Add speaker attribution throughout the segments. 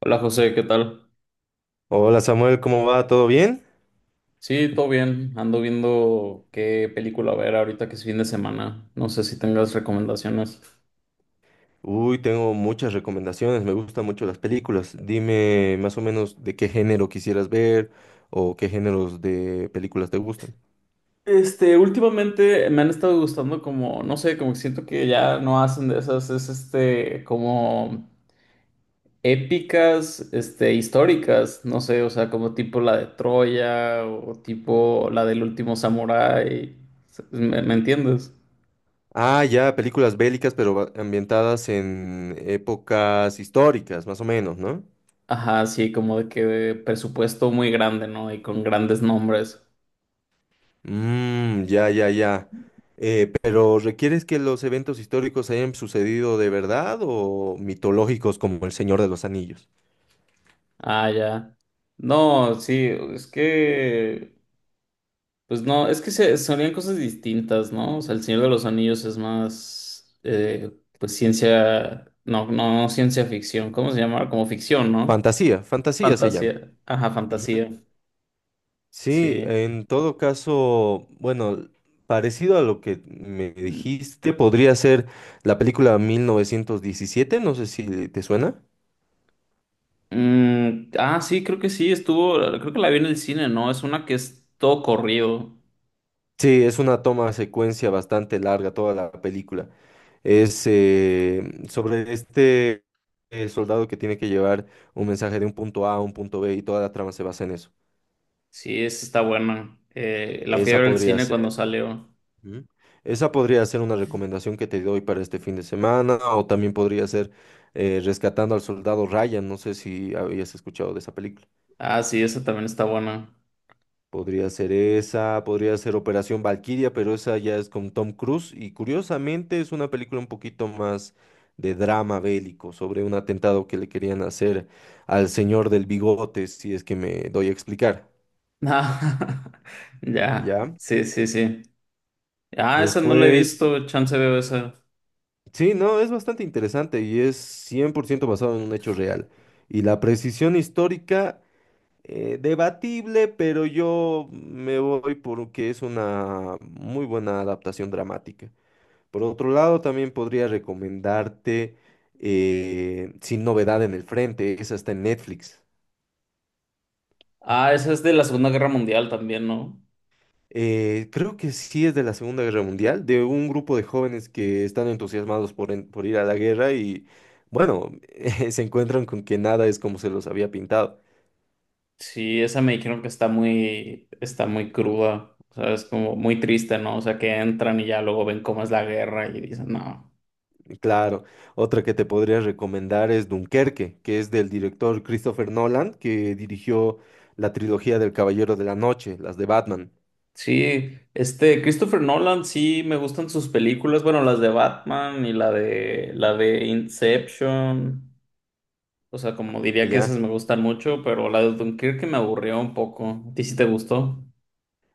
Speaker 1: Hola José, ¿qué tal?
Speaker 2: Hola Samuel, ¿cómo va? ¿Todo bien?
Speaker 1: Sí, todo bien. Ando viendo qué película ver ahorita que es fin de semana. No sé si tengas recomendaciones.
Speaker 2: Uy, tengo muchas recomendaciones, me gustan mucho las películas. Dime más o menos de qué género quisieras ver o qué géneros de películas te gustan.
Speaker 1: Últimamente me han estado gustando como, no sé, como que siento que ya no hacen de esas, como épicas, históricas, no sé, o sea, como tipo la de Troya o tipo la del último samurái. ¿Me entiendes?
Speaker 2: Ah, ya, películas bélicas, pero ambientadas en épocas históricas, más o menos, ¿no?
Speaker 1: Ajá, sí, como de que presupuesto muy grande, ¿no? Y con grandes nombres.
Speaker 2: Mmm, ya, ya, ya. Pero ¿requieres que los eventos históricos hayan sucedido de verdad o mitológicos como El Señor de los Anillos?
Speaker 1: Ah, ya. No, sí, es que, pues no, es que sonían cosas distintas, ¿no? O sea, El Señor de los Anillos es más, pues ciencia, no, no, no ciencia ficción, ¿cómo se llama? Como ficción, ¿no?
Speaker 2: Fantasía, fantasía se llama.
Speaker 1: Fantasía, ajá,
Speaker 2: Ujú.
Speaker 1: fantasía,
Speaker 2: Sí,
Speaker 1: sí.
Speaker 2: en todo caso, bueno, parecido a lo que me dijiste, podría ser la película 1917, no sé si te suena.
Speaker 1: Mm, ah, sí, creo que sí, estuvo, creo que la vi en el cine, ¿no? Es una que es todo corrido.
Speaker 2: Sí, es una toma secuencia bastante larga toda la película. Es sobre este soldado que tiene que llevar un mensaje de un punto A a un punto B y toda la trama se basa en eso.
Speaker 1: Sí, esa está buena. La fui a
Speaker 2: Esa
Speaker 1: ver al
Speaker 2: podría
Speaker 1: cine cuando
Speaker 2: ser.
Speaker 1: salió.
Speaker 2: Ujú. Esa podría ser una recomendación que te doy para este fin de semana, o también podría ser Rescatando al Soldado Ryan, no sé si habías escuchado de esa película.
Speaker 1: Ah, sí, esa también está buena.
Speaker 2: Podría ser esa, podría ser Operación Valquiria, pero esa ya es con Tom Cruise y curiosamente es una película un poquito más de drama bélico sobre un atentado que le querían hacer al señor del bigote, si es que me doy a explicar,
Speaker 1: Ah, ya,
Speaker 2: ¿ya?
Speaker 1: sí, sí, sí. Ah, esa no la he
Speaker 2: Después.
Speaker 1: visto, chance veo esa.
Speaker 2: Sí, no, es bastante interesante y es 100% basado en un hecho real. Y la precisión histórica, debatible, pero yo me voy porque es una muy buena adaptación dramática. Por otro lado, también podría recomendarte Sin Novedad en el Frente, esa está en Netflix.
Speaker 1: Ah, esa es de la Segunda Guerra Mundial también, ¿no?
Speaker 2: Creo que sí es de la Segunda Guerra Mundial, de un grupo de jóvenes que están entusiasmados por ir a la guerra y, bueno, se encuentran con que nada es como se los había pintado.
Speaker 1: Sí, esa me dijeron que está muy cruda, o sea, es como muy triste, ¿no? O sea, que entran y ya luego ven cómo es la guerra y dicen, no.
Speaker 2: Claro, otra que te podría recomendar es Dunkerque, que es del director Christopher Nolan, que dirigió la trilogía del Caballero de la Noche, las de Batman,
Speaker 1: Sí, Christopher Nolan, sí, me gustan sus películas, bueno, las de Batman y la de Inception. O sea, como diría que
Speaker 2: ¿ya?
Speaker 1: esas me gustan mucho, pero la de Dunkirk me aburrió un poco. ¿A ti sí te gustó?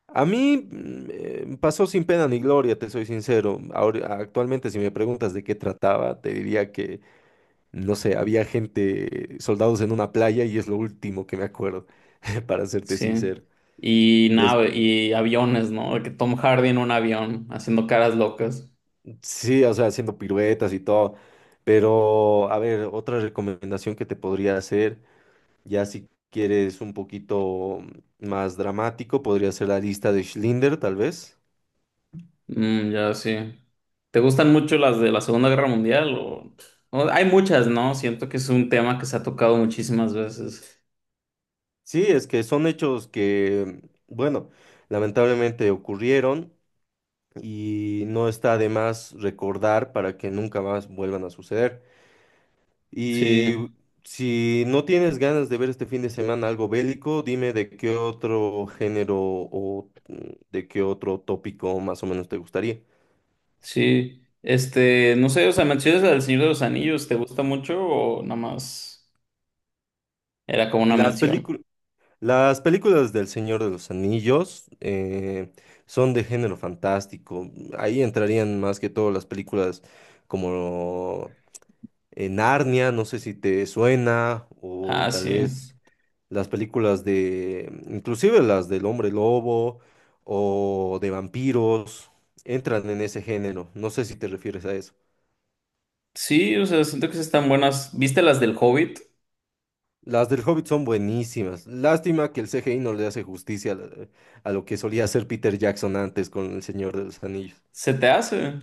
Speaker 2: A mí pasó sin pena ni gloria, te soy sincero. Ahora, actualmente, si me preguntas de qué trataba, te diría que no sé, había gente, soldados en una playa y es lo último que me acuerdo, para serte
Speaker 1: Sí.
Speaker 2: sincero. Des-
Speaker 1: Y aviones, ¿no? De que Tom Hardy en un avión, haciendo caras locas.
Speaker 2: sí, o sea, haciendo piruetas y todo. Pero, a ver, otra recomendación que te podría hacer, ya si quieres un poquito más dramático, podría ser la lista de Schindler, tal vez.
Speaker 1: Mm, ya sí. ¿Te gustan mucho las de la Segunda Guerra Mundial? Hay muchas, ¿no? Siento que es un tema que se ha tocado muchísimas veces.
Speaker 2: Sí, es que son hechos que, bueno, lamentablemente ocurrieron y no está de más recordar para que nunca más vuelvan a suceder. Y
Speaker 1: Sí,
Speaker 2: si no tienes ganas de ver este fin de semana algo bélico, dime de qué otro género o de qué otro tópico más o menos te gustaría.
Speaker 1: sí. No sé, o sea, menciones la del Señor de los Anillos, ¿te gusta mucho o nada más era como una
Speaker 2: Las
Speaker 1: mención?
Speaker 2: películas, las películas del Señor de los Anillos son de género fantástico. Ahí entrarían más que todo las películas como Narnia, no sé si te suena, o
Speaker 1: Ah,
Speaker 2: tal
Speaker 1: sí.
Speaker 2: vez las películas de, inclusive las del hombre lobo o de vampiros, entran en ese género. No sé si te refieres a eso.
Speaker 1: Sí, o sea, siento que sí están buenas. ¿Viste las del Hobbit?
Speaker 2: Las del Hobbit son buenísimas. Lástima que el CGI no le hace justicia a a lo que solía hacer Peter Jackson antes con El Señor de los Anillos.
Speaker 1: ¿Se te hace?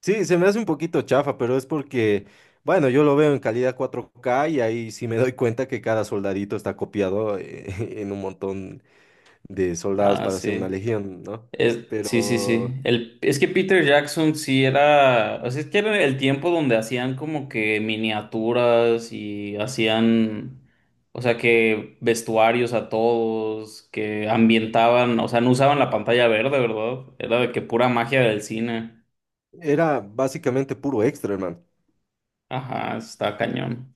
Speaker 2: Sí, se me hace un poquito chafa, pero es porque, bueno, yo lo veo en calidad 4K y ahí sí me doy cuenta que cada soldadito está copiado en un montón de soldados
Speaker 1: Ah,
Speaker 2: para hacer una
Speaker 1: sí.
Speaker 2: legión, ¿no?
Speaker 1: Sí, sí,
Speaker 2: Pero
Speaker 1: sí. Es que Peter Jackson sí era. O sea, es que era el tiempo donde hacían como que miniaturas y hacían. O sea, que vestuarios a todos, que ambientaban. O sea, no usaban la pantalla verde, ¿verdad? Era de que pura magia del cine.
Speaker 2: era básicamente puro extra, hermano.
Speaker 1: Ajá, está cañón.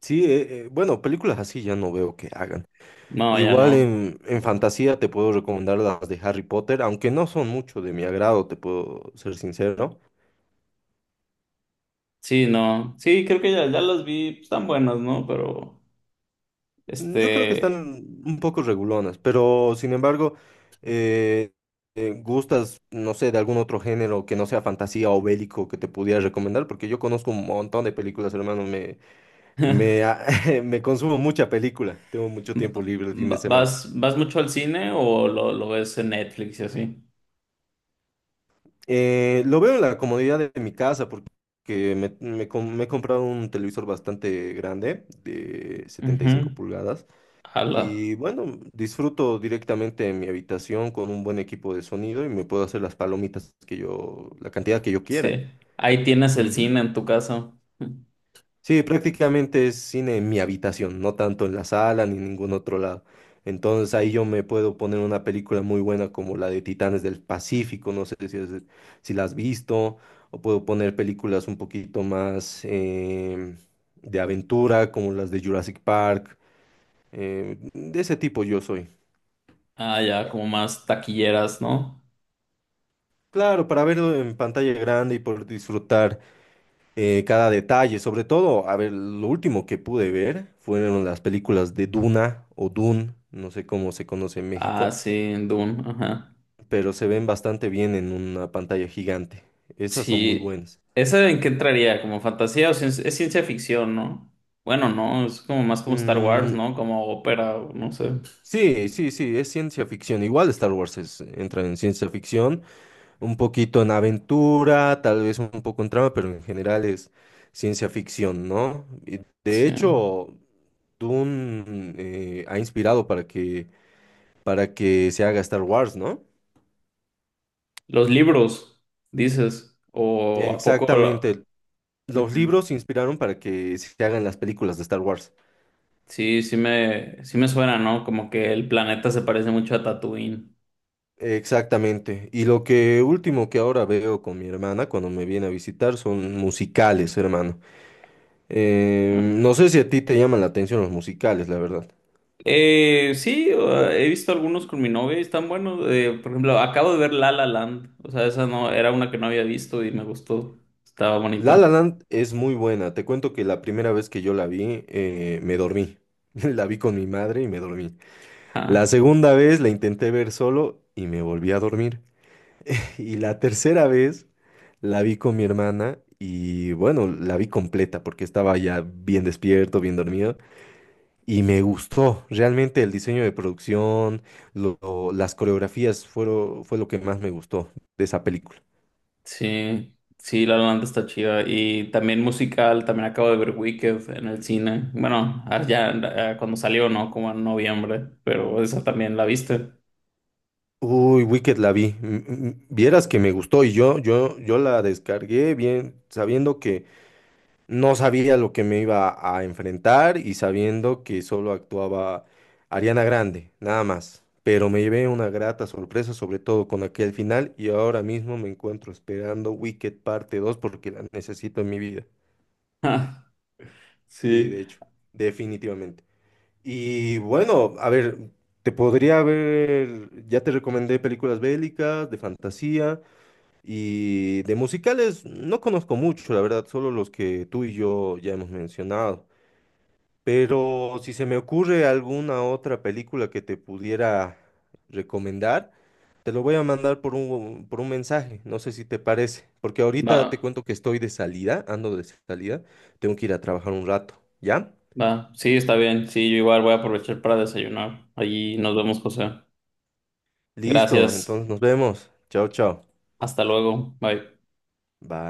Speaker 2: Sí, bueno, películas así ya no veo que hagan.
Speaker 1: No, ya
Speaker 2: Igual
Speaker 1: no.
Speaker 2: en fantasía te puedo recomendar las de Harry Potter, aunque no son mucho de mi agrado, te puedo ser sincero.
Speaker 1: Sí, no. Sí, creo que ya las vi. Están buenas, ¿no? Pero.
Speaker 2: Yo creo que están
Speaker 1: Este,
Speaker 2: un poco regulonas, pero sin embargo, eh, ¿gustas, no sé, de algún otro género que no sea fantasía o bélico que te pudiera recomendar? Porque yo conozco un montón de películas, hermano, Me,
Speaker 1: va-
Speaker 2: a- me consumo mucha película, tengo mucho tiempo libre el fin de semana.
Speaker 1: ¿vas mucho al cine o lo ves en Netflix y así?
Speaker 2: Lo veo en la comodidad de mi casa porque me he comprado un televisor bastante grande de setenta y cinco
Speaker 1: Ujú.
Speaker 2: pulgadas
Speaker 1: Ala,
Speaker 2: y bueno, disfruto directamente en mi habitación con un buen equipo de sonido y me puedo hacer las palomitas que yo, la cantidad que yo quiera.
Speaker 1: sí. Ahí tienes el cine en tu casa.
Speaker 2: Sí, prácticamente es cine en mi habitación, no tanto en la sala ni en ningún otro lado. Entonces ahí yo me puedo poner una película muy buena como la de Titanes del Pacífico, no sé si, si la has visto, o puedo poner películas un poquito más de aventura como las de Jurassic Park, de ese tipo yo soy.
Speaker 1: Ah, ya, como más taquilleras, ¿no?
Speaker 2: Claro, para verlo en pantalla grande y por disfrutar cada detalle, sobre todo, a ver, lo último que pude ver fueron las películas de Duna o Dune, no sé cómo se conoce en
Speaker 1: Ah,
Speaker 2: México,
Speaker 1: sí, en Dune, ajá.
Speaker 2: pero se ven bastante bien en una pantalla gigante. Esas son muy
Speaker 1: Sí.
Speaker 2: buenas.
Speaker 1: ¿Esa en qué entraría? ¿Como fantasía o es ciencia ficción, ¿no? Bueno, no, es como más como Star Wars,
Speaker 2: Mm,
Speaker 1: ¿no? Como ópera, o no sé.
Speaker 2: sí, sí, sí, es ciencia ficción. Igual Star Wars entra en ciencia ficción, un poquito en aventura, tal vez un poco en trama, pero en general es ciencia ficción, ¿no? Y de
Speaker 1: Sí.
Speaker 2: hecho, Dune ha inspirado para que se haga Star Wars, ¿no?
Speaker 1: Los libros, dices. ¿O a poco?
Speaker 2: Exactamente. Los
Speaker 1: Ujú.
Speaker 2: libros se inspiraron para que se hagan las películas de Star Wars.
Speaker 1: Sí me suena, ¿no? Como que el planeta se parece mucho a Tatooine,
Speaker 2: Exactamente. Y lo que último que ahora veo con mi hermana cuando me viene a visitar son musicales, hermano.
Speaker 1: ¿no?
Speaker 2: No sé si a ti te llaman la atención los musicales, la verdad.
Speaker 1: Sí, he visto algunos con mi novia y están buenos. Por ejemplo, acabo de ver La La Land. O sea, esa no, era una que no había visto y me gustó. Estaba
Speaker 2: La
Speaker 1: bonito.
Speaker 2: La Land es muy buena. Te cuento que la primera vez que yo la vi, me dormí. La vi con mi madre y me dormí. La
Speaker 1: Ajá.
Speaker 2: segunda vez la intenté ver solo y me volví a dormir. Y la tercera vez la vi con mi hermana y bueno, la vi completa porque estaba ya bien despierto, bien dormido y me gustó. Realmente el diseño de producción, las coreografías fue lo que más me gustó de esa película.
Speaker 1: Sí, sí, La La Land está chida. Y también musical, también acabo de ver Wicked en el cine. Bueno, ah, ya cuando salió, ¿no? Como en noviembre, pero esa también la viste.
Speaker 2: Uy, Wicked la vi. Vieras que me gustó y yo la descargué bien sabiendo que no sabía lo que me iba a enfrentar y sabiendo que solo actuaba Ariana Grande, nada más. Pero me llevé una grata sorpresa, sobre todo con aquel final, y ahora mismo me encuentro esperando Wicked parte 2 porque la necesito en mi vida. Sí,
Speaker 1: Sí.
Speaker 2: de hecho, definitivamente. Y bueno, a ver, te podría ver, ya te recomendé películas bélicas, de fantasía y de musicales, no conozco mucho, la verdad, solo los que tú y yo ya hemos mencionado. Pero si se me ocurre alguna otra película que te pudiera recomendar, te lo voy a mandar por un mensaje, no sé si te parece, porque ahorita te
Speaker 1: Va.
Speaker 2: cuento que estoy de salida, ando de salida, tengo que ir a trabajar un rato, ¿ya?
Speaker 1: Va, sí, está bien. Sí, yo igual voy a aprovechar para desayunar. Allí nos vemos, José.
Speaker 2: Listo,
Speaker 1: Gracias.
Speaker 2: entonces nos vemos. Chao, chao.
Speaker 1: Hasta luego. Bye.
Speaker 2: Bye.